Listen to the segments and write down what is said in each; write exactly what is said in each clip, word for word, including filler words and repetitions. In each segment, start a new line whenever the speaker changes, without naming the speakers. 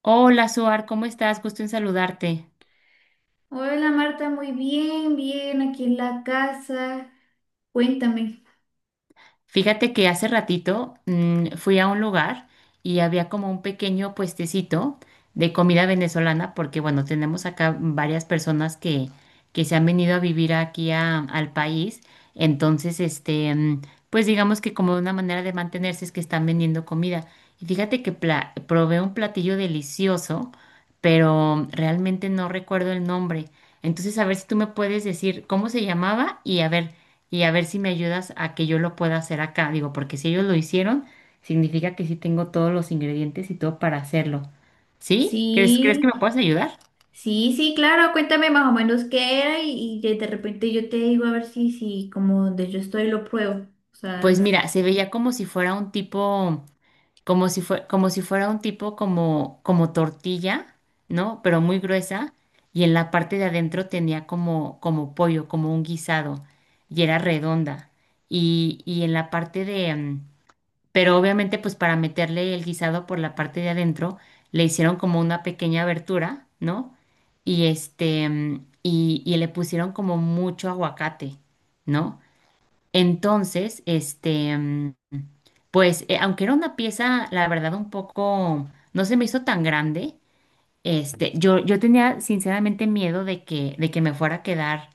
Hola, Suar, ¿cómo estás? Gusto en saludarte.
Hola Marta, muy bien, bien, aquí en la casa. Cuéntame.
Fíjate que hace ratito mm, fui a un lugar y había como un pequeño puestecito de comida venezolana, porque bueno, tenemos acá varias personas que, que se han venido a vivir aquí a- al país. Entonces, este, mm, pues digamos que como una manera de mantenerse es que están vendiendo comida. Y fíjate que pla- probé un platillo delicioso, pero realmente no recuerdo el nombre. Entonces, a ver si tú me puedes decir cómo se llamaba y a ver y a ver si me ayudas a que yo lo pueda hacer acá. Digo, porque si ellos lo hicieron, significa que sí tengo todos los ingredientes y todo para hacerlo. ¿Sí? ¿Crees, crees que me
Sí,
puedes ayudar?
sí, sí, claro, cuéntame más o menos qué era y, y de de repente yo te digo, a ver si, si como donde yo estoy lo pruebo. O sea,
Pues mira, se veía como si fuera un tipo, como si fue, como si fuera un tipo como, como tortilla, ¿no? Pero muy gruesa. Y en la parte de adentro tenía como, como pollo, como un guisado. Y era redonda. Y, y en la parte de, mm, pero obviamente pues para meterle el guisado por la parte de adentro le hicieron como una pequeña abertura, ¿no? Y este, mm, y, y le pusieron como mucho aguacate, ¿no? Entonces, este, mm, pues eh, aunque era una pieza, la verdad, un poco, no se me hizo tan grande, este, yo, yo tenía sinceramente miedo de que, de que me fuera a quedar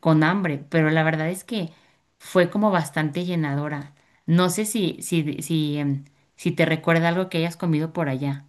con hambre, pero la verdad es que fue como bastante llenadora. No sé si, si, si, em, si te recuerda algo que hayas comido por allá.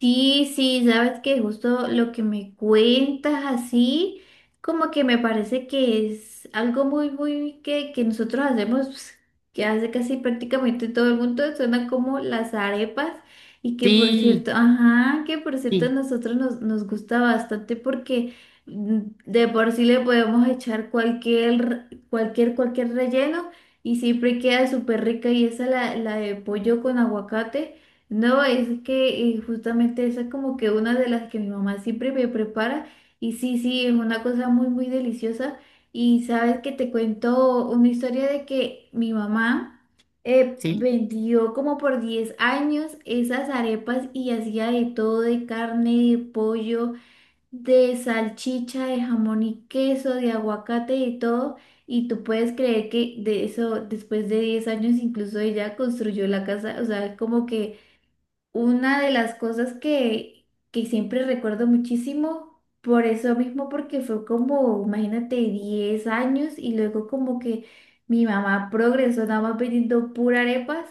sí, sí, sabes que justo lo que me cuentas así, como que me parece que es algo muy, muy que, que nosotros hacemos, pues, que hace casi prácticamente todo el mundo, suena como las arepas. Y que por
Sí,
cierto, ajá, que por cierto a
sí,
nosotros nos, nos gusta bastante porque mm, de por sí le podemos echar cualquier, cualquier, cualquier relleno y siempre queda súper rica. Y esa la, la de pollo con aguacate, no, es que eh, justamente esa es como que una de las que mi mamá siempre me prepara, y sí, sí, es una cosa muy, muy deliciosa. Y sabes que te cuento una historia de que mi mamá eh,
sí.
vendió como por diez años esas arepas y hacía de todo, de carne, de pollo, de salchicha, de jamón y queso, de aguacate y todo. Y tú puedes creer que de eso, después de diez años, incluso ella construyó la casa, o sea, como que... Una de las cosas que, que siempre recuerdo muchísimo, por eso mismo, porque fue como, imagínate, diez años, y luego como que mi mamá progresó nada más vendiendo pura arepas.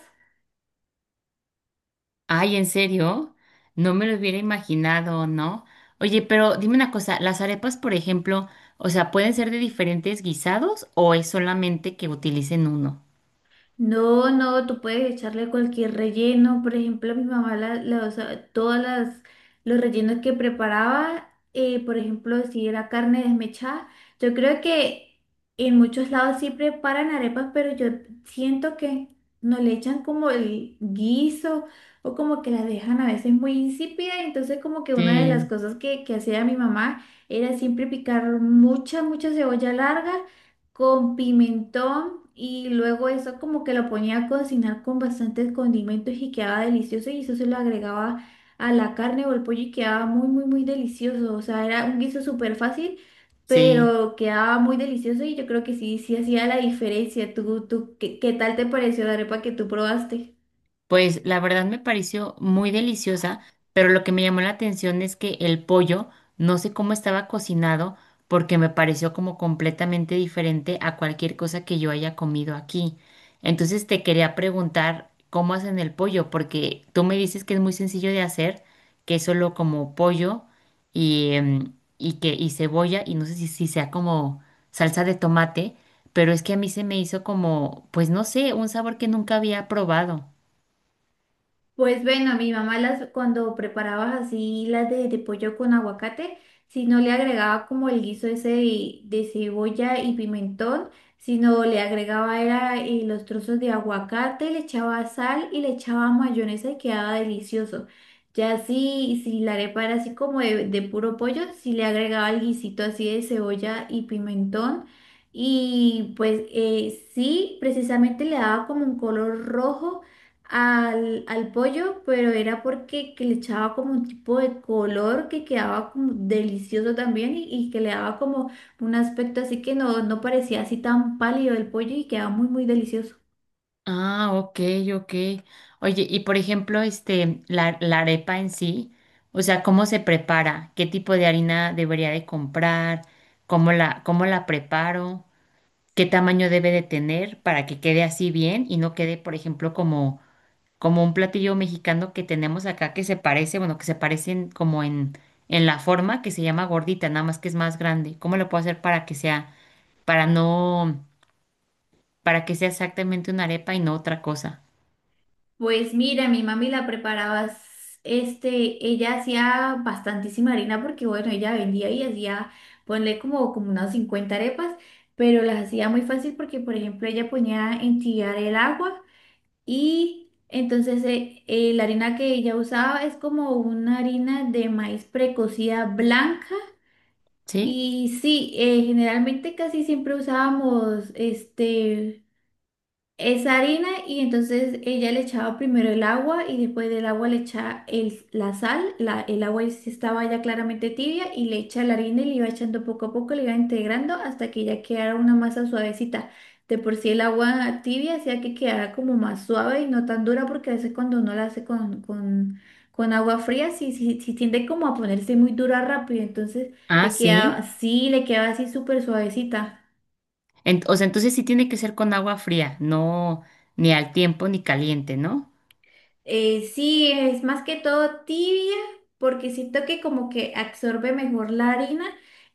Ay, ¿en serio? No me lo hubiera imaginado, ¿no? Oye, pero dime una cosa, las arepas, por ejemplo, o sea, ¿pueden ser de diferentes guisados o es solamente que utilicen uno?
No, no, tú puedes echarle cualquier relleno. Por ejemplo, a mi mamá, la, la- o sea, todas las, los rellenos que preparaba, eh, por ejemplo, si era carne desmechada, yo creo que en muchos lados sí preparan arepas, pero yo siento que no le echan como el guiso, o como que la dejan a veces muy insípida. Entonces, como que una de las
Sí,
cosas que, que hacía mi mamá era siempre picar mucha, mucha cebolla larga con pimentón, y luego eso como que lo ponía a cocinar con bastantes condimentos y quedaba delicioso, y eso se lo agregaba a la carne o el pollo y quedaba muy muy muy delicioso, o sea, era un guiso súper fácil,
sí.
pero quedaba muy delicioso, y yo creo que sí, sí hacía la diferencia. ¿Tú, tú qué, qué tal te pareció la arepa que tú probaste?
Pues la verdad me pareció muy deliciosa, pero lo que me llamó la atención es que el pollo, no sé cómo estaba cocinado, porque me pareció como completamente diferente a cualquier cosa que yo haya comido aquí. Entonces te quería preguntar cómo hacen el pollo, porque tú me dices que es muy sencillo de hacer, que es solo como pollo y, em, y que y cebolla y no sé si, si sea como salsa de tomate, pero es que a mí se me hizo como, pues no sé, un sabor que nunca había probado.
Pues bueno, mi mamá, las cuando preparaba así las de, de pollo con aguacate, si no le agregaba como el guiso ese de, de cebolla y pimentón, sino le agregaba era eh, los trozos de aguacate, le echaba sal y le echaba mayonesa y quedaba delicioso. Ya si, si la arepa era así como de, de puro pollo, si le agregaba el guisito así de cebolla y pimentón. Y pues eh, sí, precisamente le daba como un color rojo al, al pollo, pero era porque que le echaba como un tipo de color que quedaba como delicioso también, y, y que le daba como un aspecto así que no, no parecía así tan pálido el pollo y quedaba muy, muy delicioso.
Ah, ok, ok. Oye, y por ejemplo, este, la, la arepa en sí, o sea, ¿cómo se prepara? ¿Qué tipo de harina debería de comprar? ¿Cómo la, cómo la preparo? ¿Qué tamaño debe de tener para que quede así bien y no quede, por ejemplo, como, como un platillo mexicano que tenemos acá que se parece, bueno, que se parecen como en, en la forma que se llama gordita, nada más que es más grande. ¿Cómo lo puedo hacer para que sea, para no, para que sea exactamente una arepa y no otra cosa?
Pues mira, mi mami la preparaba, s- este, ella hacía bastantísima harina porque bueno, ella vendía y hacía, ponle como, como unas cincuenta arepas, pero las hacía muy fácil porque por ejemplo ella ponía en tirar el agua. Y entonces eh, eh, la harina que ella usaba es como una harina de maíz precocida blanca.
¿Sí?
Y sí, eh, generalmente casi siempre usábamos este esa harina, y entonces ella le echaba primero el agua y después del agua le echaba el- la sal, la- el agua es- estaba ya claramente tibia y le echa la harina y le iba echando poco a poco, le iba integrando hasta que ya quedara una masa suavecita. De por sí el agua tibia hacía que quedara como más suave y no tan dura, porque a veces cuando uno la hace con, con, con agua fría sí, sí, sí tiende como a ponerse muy dura rápido, entonces
Ah,
le quedaba,
sí.
sí, le quedaba así súper suavecita.
Ent- o sea, entonces sí tiene que ser con agua fría, no ni al tiempo ni caliente, ¿no?
Eh, sí, es más que todo tibia, porque siento que como que absorbe mejor la harina,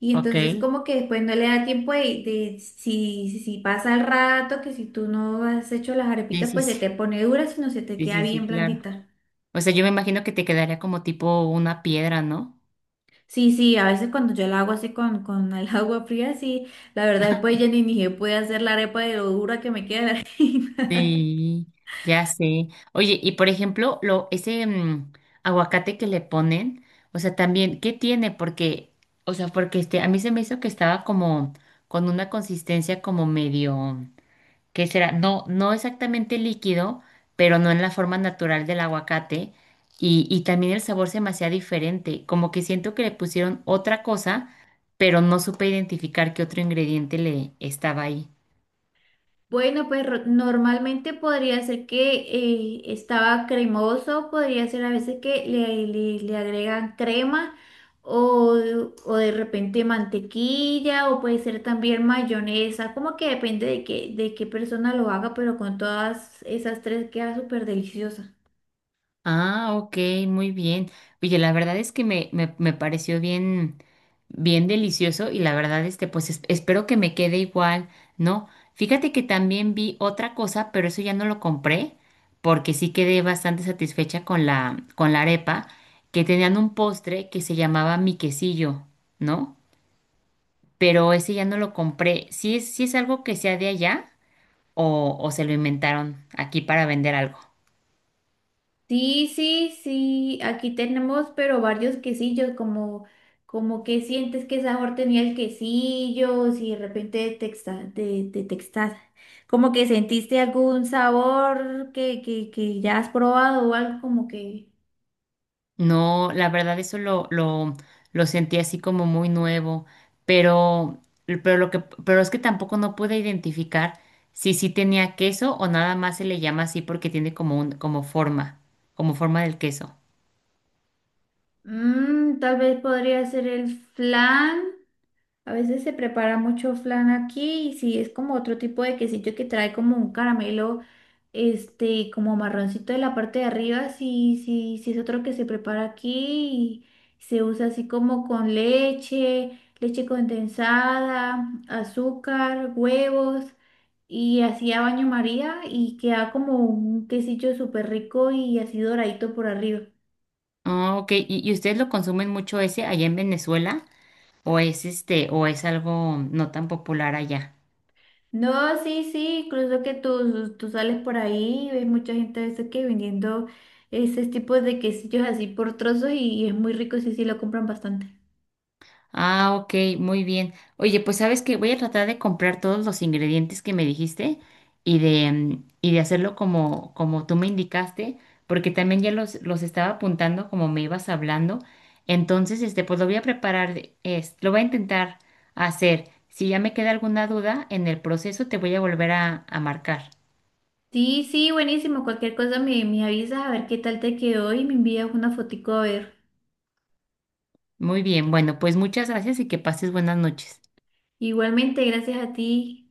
y
Ok.
entonces como que después no le da tiempo de, de- si, si si pasa el rato, que si tú no has hecho las
Sí,
arepitas,
sí,
pues se
sí.
te pone dura, sino se te
Sí,
queda
sí, sí,
bien
claro.
blandita.
O sea, yo me imagino que te quedaría como tipo una piedra, ¿no?
Sí, sí, a veces cuando yo la hago así con, con el agua fría, sí, la verdad después ya ni, ni se puede hacer la arepa de lo dura que me queda la harina.
Sí, ya sé. Oye, y por ejemplo, lo, ese mm, aguacate que le ponen, o sea, también, ¿qué tiene? Porque, o sea, porque este, a mí se me hizo que estaba como con una consistencia como medio. ¿Qué será? No, no exactamente líquido, pero no en la forma natural del aguacate. Y, y también el sabor se me hacía diferente, como que siento que le pusieron otra cosa, pero no supe identificar qué otro ingrediente le estaba ahí.
Bueno, pues ro- normalmente podría ser que eh, estaba cremoso, podría ser a veces que le, le- le agregan crema o, o de repente mantequilla, o puede ser también mayonesa, como que depende de qué, de qué persona lo haga, pero con todas esas tres queda súper deliciosa.
Ah, ok, muy bien. Oye, la verdad es que me, me, me pareció bien, bien delicioso y la verdad, este, pues es- espero que me quede igual, ¿no? Fíjate que también vi otra cosa, pero eso ya no lo compré porque sí quedé bastante satisfecha con la, con la arepa, que tenían un postre que se llamaba mi quesillo, ¿no? Pero ese ya no lo compré. ¿Sí es, sí es algo que sea de allá o, o se lo inventaron aquí para vender algo?
Sí, sí, sí, aquí tenemos, pero varios quesillos. Como, como que sientes que sabor tenía el quesillo, si de repente detecta- de- detectas, como que sentiste algún sabor que, que, que ya has probado o algo como que,
No, la verdad eso lo, lo, lo sentí así como muy nuevo, pero, pero, lo que, pero es que tampoco no pude identificar si sí tenía queso o nada más se le llama así porque tiene como un, como forma, como forma del queso.
mm, tal vez podría ser el flan. A veces se prepara mucho flan aquí, y sí, es como otro tipo de quesillo que trae como un caramelo, este, como marroncito de la parte de arriba. Sí, sí, sí es otro que se prepara aquí, y se usa así como con leche, leche condensada, azúcar, huevos, y así a baño María, y queda como un quesillo súper rico y así doradito por arriba.
Ah, ok, ¿Y, y ustedes lo consumen mucho ese allá en Venezuela o es este, o es algo no tan popular allá?
No, sí, sí, incluso que tú, tú sales por ahí y ves mucha gente a veces que vendiendo ese tipo de quesillos así por trozos, y, y es muy rico, sí, sí, lo compran bastante.
Ah, ok, muy bien. Oye, pues sabes que voy a tratar de comprar todos los ingredientes que me dijiste y de, mm, y de hacerlo como, como tú me indicaste, porque también ya los, los estaba apuntando como me ibas hablando. Entonces, este, pues lo voy a preparar, de- es, lo voy a intentar hacer. Si ya me queda alguna duda en el proceso, te voy a volver a, a marcar.
Sí, sí, buenísimo, cualquier cosa me, me avisas a ver qué tal te quedó y me envías una fotico a ver.
Muy bien, bueno, pues muchas gracias y que pases buenas noches.
Igualmente, gracias a ti.